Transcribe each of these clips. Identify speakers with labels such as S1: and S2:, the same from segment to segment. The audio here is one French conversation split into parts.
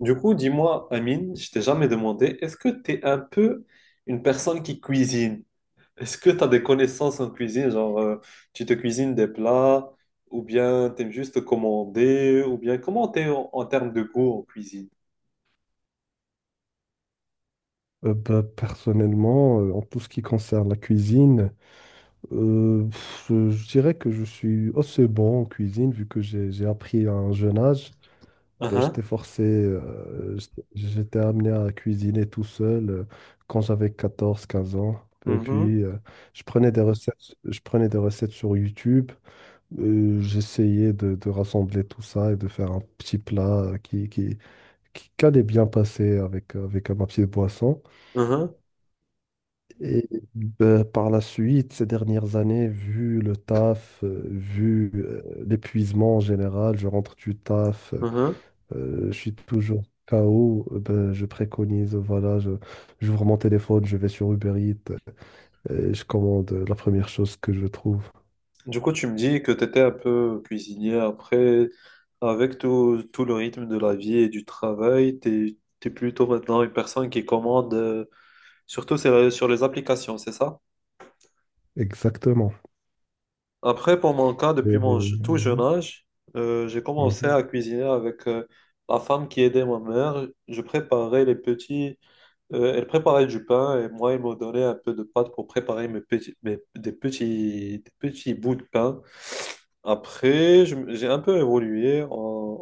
S1: Du coup, dis-moi, Amine, je t'ai jamais demandé, est-ce que tu es un peu une personne qui cuisine? Est-ce que tu as des connaissances en cuisine? Genre, tu te cuisines des plats, ou bien t'aimes juste commander, ou bien comment t'es en termes de goût en cuisine?
S2: Personnellement, en tout ce qui concerne la cuisine, je dirais que je suis assez bon en cuisine vu que j'ai appris à un jeune âge. Bah, j'étais
S1: Uhum,
S2: forcé, j'étais amené à cuisiner tout seul quand j'avais 14 15 ans. Et
S1: uhum,
S2: puis, je prenais des recettes sur YouTube. J'essayais de rassembler tout ça et de faire un petit plat qui allait bien passer avec ma petite boisson.
S1: uhum,
S2: Et ben, par la suite, ces dernières années, vu le taf, vu l'épuisement en général, je rentre du taf.
S1: uhum.
S2: Je suis toujours KO. Je préconise, voilà, j'ouvre mon téléphone, je vais sur Uber Eats, et je commande la première chose que je trouve.
S1: Du coup, tu me dis que tu étais un peu cuisinier après, avec tout le rythme de la vie et du travail, tu es, plutôt maintenant une personne qui commande, surtout sur les applications, c'est ça?
S2: Exactement.
S1: Après, pour mon cas, depuis tout jeune
S2: Mhm.
S1: âge, j'ai commencé à
S2: Mhm.
S1: cuisiner avec la femme qui aidait ma mère. Je préparais les petits elle préparait du pain et moi, elle me donnait un peu de pâte pour préparer mes petits, mes- des petits bouts de pain. Après, j'ai un peu évolué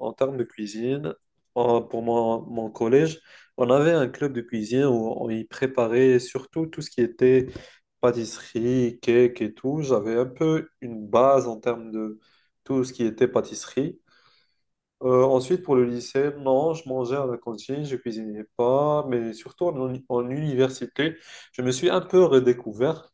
S1: en termes de cuisine. Pour mon collège, on avait un club de cuisine où on y préparait surtout tout ce qui était pâtisserie, cake et tout. J'avais un peu une base en termes de tout ce qui était pâtisserie. Ensuite, pour le lycée, non, je mangeais à la cantine, je cuisinais pas, mais surtout en université, je me suis un peu redécouvert,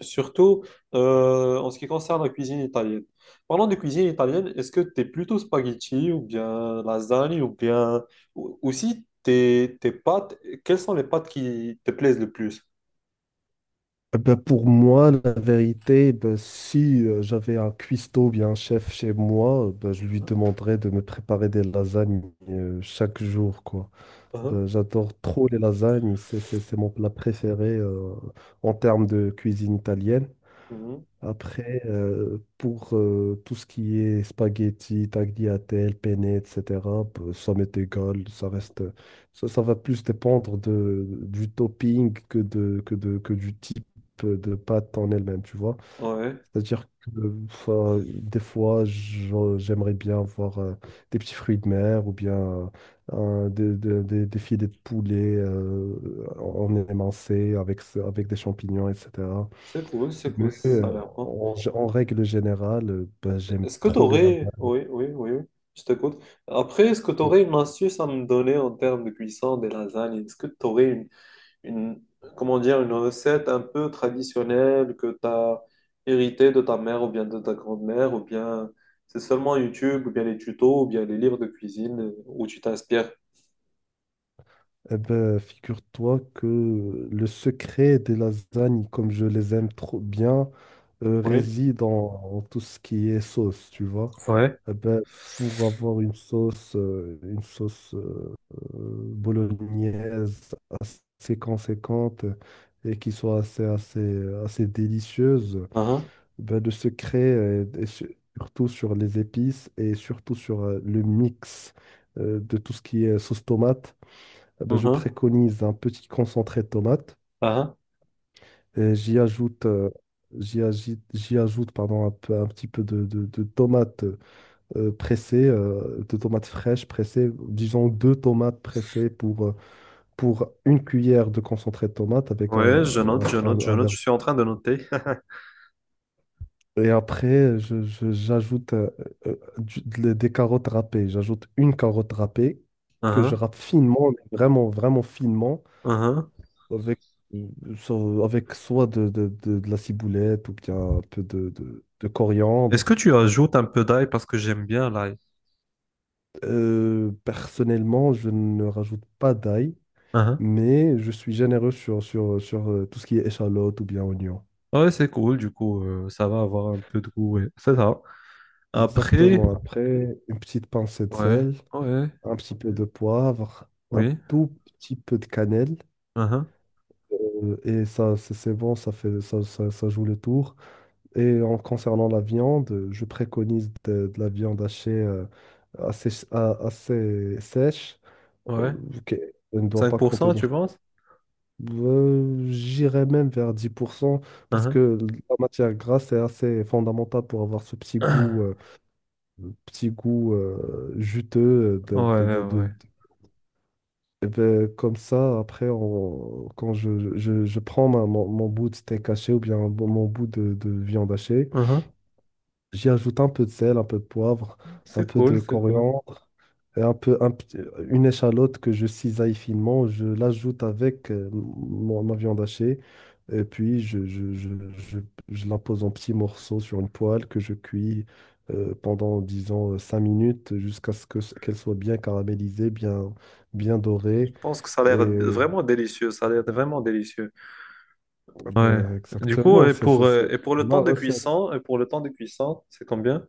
S1: surtout en ce qui concerne la cuisine italienne. Parlant de cuisine italienne, est-ce que tu es plutôt spaghetti ou bien lasagne ou bien aussi tes pâtes, quelles sont les pâtes qui te plaisent le plus?
S2: Eh ben, pour moi, la vérité, eh ben, si j'avais un cuistot ou bien un chef chez moi, je lui demanderais de me préparer des lasagnes chaque jour, quoi. Eh
S1: Mhm,
S2: ben, j'adore trop les lasagnes. C'est mon plat préféré en termes de cuisine italienne.
S1: mhm, mhm.
S2: Après, pour tout ce qui est spaghetti, tagliatelle, penne, etc., ça m'est égal. Ça va plus dépendre du topping que du type de pâte en elle-même, tu vois.
S1: Ouais,
S2: C'est-à-dire que enfin, des fois, j'aimerais bien avoir des petits fruits de mer ou bien des filets de poulet en émincé avec des champignons, etc.
S1: c'est
S2: Mais
S1: cool, ça a l'air bon.
S2: en règle générale, j'aime
S1: Est-ce que tu
S2: trop les
S1: aurais...
S2: lasagnes.
S1: Oui, oui, oui, oui, je t'écoute. Après, est-ce que tu aurais
S2: Ouais.
S1: une astuce à me donner en termes de cuisson des lasagnes? Est-ce que tu aurais une- comment dire, une recette un peu traditionnelle que tu as héritée de ta mère ou bien de ta grand-mère ou bien c'est seulement YouTube ou bien les tutos ou bien les livres de cuisine où tu t'inspires?
S2: Eh ben, figure-toi que le secret des lasagnes, comme je les aime trop bien,
S1: Oui.
S2: réside en tout ce qui est sauce, tu vois.
S1: Ouais,
S2: Eh ben, pour avoir une sauce bolognaise assez conséquente et qui soit assez délicieuse,
S1: uh-huh,
S2: ben, de se créer surtout sur les épices et surtout sur le mix de tout ce qui est sauce tomate, eh ben, je
S1: uh-huh,
S2: préconise un petit concentré de tomate
S1: uh-huh.
S2: et j'y ajoute. J'y ajoute pardon, un petit peu de tomates pressées, de tomates fraîches pressées. Disons deux tomates pressées pour une cuillère de concentré de tomate avec
S1: Ouais, je note, je note, je
S2: un
S1: note,
S2: verre.
S1: je suis en train de noter.
S2: Et après, j'ajoute des carottes râpées. J'ajoute une carotte râpée que je
S1: Uh-huh,
S2: râpe finement, mais vraiment, vraiment finement,
S1: uh-huh.
S2: avec, euh, avec soit de la ciboulette ou bien un peu de
S1: Est-ce que
S2: coriandre.
S1: tu ajoutes un peu d'ail parce que j'aime bien l'ail?
S2: Personnellement, je ne rajoute pas d'ail, mais je suis généreux sur tout ce qui est échalote ou bien oignon.
S1: Ouais, c'est cool, du coup, ça va avoir un peu de goût, ouais. C'est ça. Après,
S2: Exactement. Après, une petite pincée de
S1: ouais,
S2: sel,
S1: ouais,
S2: un petit peu de poivre, un
S1: oui,
S2: tout petit peu de cannelle.
S1: uh-huh,
S2: Et ça, c'est bon, ça fait, ça joue le tour. Et en concernant la viande, je préconise de la viande hachée assez sèche, euh,
S1: ouais.
S2: qui ne doit
S1: cinq
S2: pas
S1: pour cent
S2: contenir.
S1: tu penses?
S2: J'irais même vers 10% parce
S1: Uh-huh.
S2: que la matière grasse est assez fondamentale pour avoir ce petit goût. Petit goût juteux
S1: Ouais, ouais.
S2: eh ben, comme ça, après, quand je prends mon bout de steak haché ou bien mon bout de viande hachée.
S1: Uh-huh.
S2: J'y ajoute un peu de sel, un peu de poivre, un
S1: C'est
S2: peu
S1: cool,
S2: de
S1: c'est cool.
S2: coriandre et un peu, un petit- une échalote que je cisaille finement. Je l'ajoute avec ma viande hachée et puis je, je la pose en petits morceaux sur une poêle que je cuis pendant, disons, 5 minutes jusqu'à ce qu'elle soit bien caramélisée, bien, bien
S1: Je
S2: dorée.
S1: pense que ça a
S2: Et euh,
S1: vraiment délicieux, ça a l'air vraiment délicieux. Ouais. Du coup,
S2: Exactement,
S1: et pour, euh,
S2: c'est
S1: et pour le
S2: ma
S1: temps de
S2: recette.
S1: cuisson, c'est combien?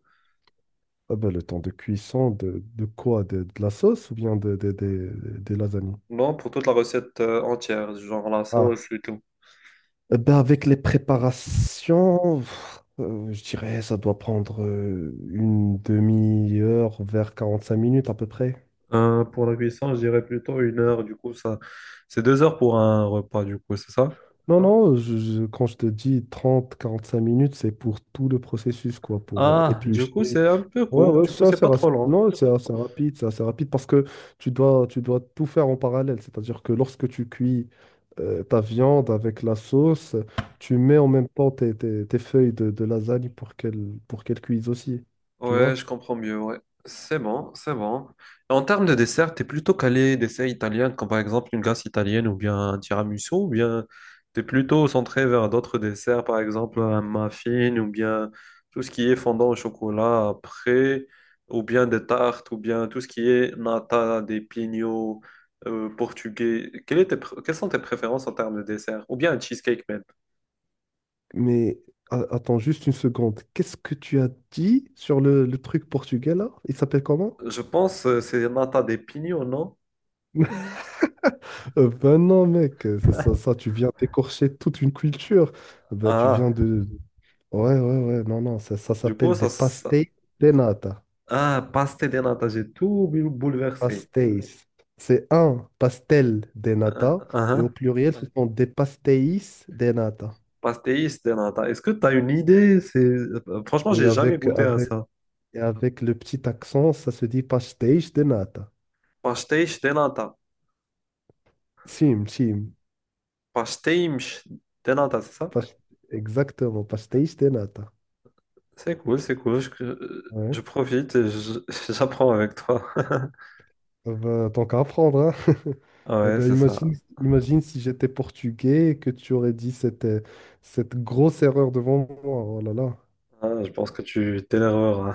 S2: Ah ben, le temps de cuisson de quoi? De la sauce ou bien des lasagnes?
S1: Non, pour toute la recette entière, genre la
S2: Ah,
S1: sauce et tout.
S2: eh ben, avec les préparations, je dirais ça doit prendre une demi-heure vers 45 minutes à peu près.
S1: Pour la cuisson, je dirais plutôt 1 heure, du coup, ça, c'est 2 heures pour un repas, du coup, c'est ça?
S2: Non, non, quand je te dis 30 à 45 minutes, c'est pour tout le processus, quoi, pour
S1: Ah, du coup,
S2: éplucher.
S1: c'est un peu
S2: Ouais,
S1: court,
S2: ouais,
S1: du coup,
S2: ça,
S1: c'est pas trop long.
S2: non, c'est assez rapide parce que tu dois tout faire en parallèle. C'est-à-dire que lorsque tu cuis ta viande avec la sauce, tu mets en même temps tes feuilles de lasagne pour qu'elles cuisent aussi. Tu
S1: Ouais,
S2: vois?
S1: je comprends mieux, ouais. C'est bon, c'est bon. En termes de dessert, t'es plutôt calé dessert italien, comme par exemple une glace italienne ou bien un tiramisu, ou bien t'es plutôt centré vers d'autres desserts, par exemple un muffin, ou bien tout ce qui est fondant au chocolat après, ou bien des tartes, ou bien tout ce qui est nata, des pignots portugais. Quelles sont tes préférences en termes de dessert? Ou bien un cheesecake.
S2: Mais attends juste une seconde. Qu'est-ce que tu as dit sur le truc portugais là? Il s'appelle comment?
S1: Je pense que c'est nata de pignon, non?
S2: Ben non, mec, c'est ça. Tu viens d'écorcher toute une culture. Ben,
S1: Ah,
S2: ouais, ouais, ouais, non, non, ça
S1: du coup,
S2: s'appelle des
S1: ça...
S2: pastéis de nata.
S1: Ah, pastel de nata, j'ai tout bouleversé.
S2: Pastéis. C'est un pastel de
S1: Ah,
S2: nata,
S1: ah,
S2: et au
S1: ah.
S2: pluriel, ce sont des pastéis de nata.
S1: Pastéis de nata. Est-ce que tu as une idée? C'est... franchement,
S2: Et
S1: j'ai jamais
S2: avec,
S1: goûté à
S2: avec,
S1: ça.
S2: et avec le petit accent, ça se dit pastéis de nata.
S1: Pastéis de nata.
S2: Sim, sim.
S1: Pastéis de nata, c'est ça?
S2: Pas- Exactement, pastéis de nata.
S1: C'est cool, c'est cool. Je
S2: Ouais.
S1: profite et j'apprends avec toi.
S2: Tant qu'à apprendre, hein.
S1: Ah
S2: Eh
S1: ouais,
S2: ben,
S1: c'est ça.
S2: imagine si j'étais portugais et que tu aurais dit cette grosse erreur devant moi. Oh là là.
S1: Ah, je pense que tu t'énerveras.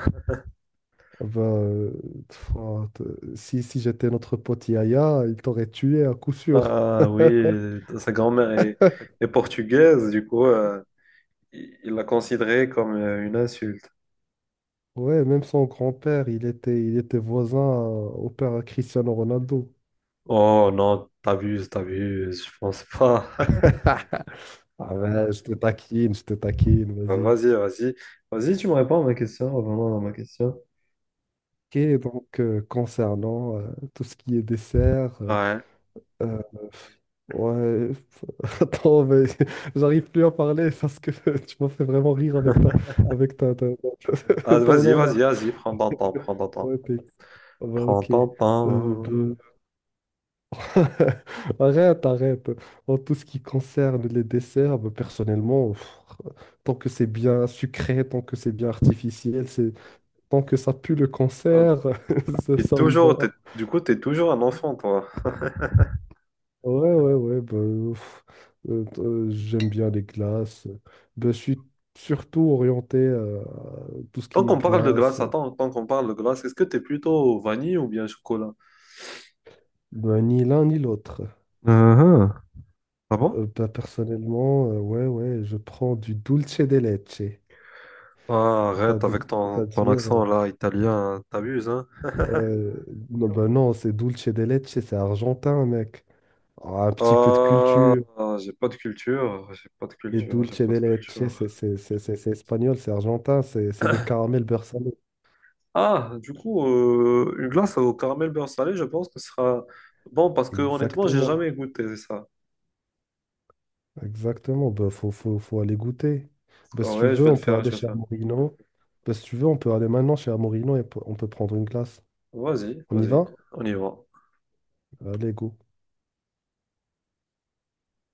S2: Bah pff, ah, t- si si j'étais notre pote Yaya, il t'aurait tué à coup sûr.
S1: Ah oui, sa grand-mère est, est portugaise, du coup. Il l'a considéré comme une insulte.
S2: Ouais, même son grand-père, il était voisin au père à Cristiano Ronaldo.
S1: Oh non, t'abuses, t'abuses, je pense pas.
S2: Ah ouais, je te taquine, vas-y.
S1: Vas-y, vas-y. Vas-y, tu me réponds à ma question. Revenons à ma question.
S2: OK, donc concernant tout ce qui est dessert,
S1: Ouais.
S2: euh, ouais, attends, mais j'arrive plus à parler parce que tu m'as fait vraiment rire avec avec ta, ta-
S1: Ah,
S2: ton
S1: vas-y,
S2: nom
S1: vas-y,
S2: là.
S1: vas-y, prends ton temps, prends ton temps.
S2: Ouais, ouais,
S1: Prends
S2: OK. Euh,
S1: ton
S2: bah,
S1: temps.
S2: Arrête, arrête. En tout ce qui concerne les desserts, bah, personnellement, tant que c'est bien sucré, tant que c'est bien artificiel, c'est tant que ça pue le
S1: Ah,
S2: cancer, ça me va.
S1: Du coup, t'es toujours un enfant, toi.
S2: Ouais, ouais, ouais. Pff, j'aime bien les glaces. Bah, je suis surtout orienté à tout ce
S1: Tant
S2: qui est
S1: qu'on parle de glace,
S2: glace.
S1: attends, tant qu'on parle de glace, est-ce que t'es plutôt vanille ou bien chocolat?
S2: Bah, ni l'un ni l'autre.
S1: Mhm. Ah bon?
S2: Personnellement, ouais, ouais, je prends du dulce de leche.
S1: Ah, arrête avec ton
S2: C'est-à-dire
S1: accent là, italien, t'abuses, hein?
S2: Ouais, non, bah non, c'est dulce de leche, c'est argentin, mec. Ah, un petit peu de
S1: Ah,
S2: culture.
S1: j'ai pas de culture, j'ai pas de
S2: Les Ouais.
S1: culture, j'ai
S2: Dulce
S1: pas
S2: de
S1: de
S2: leche,
S1: culture.
S2: c'est espagnol, c'est argentin, c'est le caramel beurre salé.
S1: Ah, du coup, une glace au caramel beurre salé, je pense que ce sera bon parce que honnêtement, j'ai
S2: Exactement,
S1: jamais goûté ça.
S2: exactement. Bah, faut aller goûter. Bah,
S1: Ah
S2: si tu
S1: ouais, je
S2: veux,
S1: vais le
S2: on peut
S1: faire, je
S2: aller
S1: vais le
S2: chez
S1: faire.
S2: Amorino. Bah, si tu veux, on peut aller maintenant chez Amorino et on peut prendre une glace.
S1: Vas-y,
S2: On y
S1: vas-y,
S2: va?
S1: on y va.
S2: Allez, go.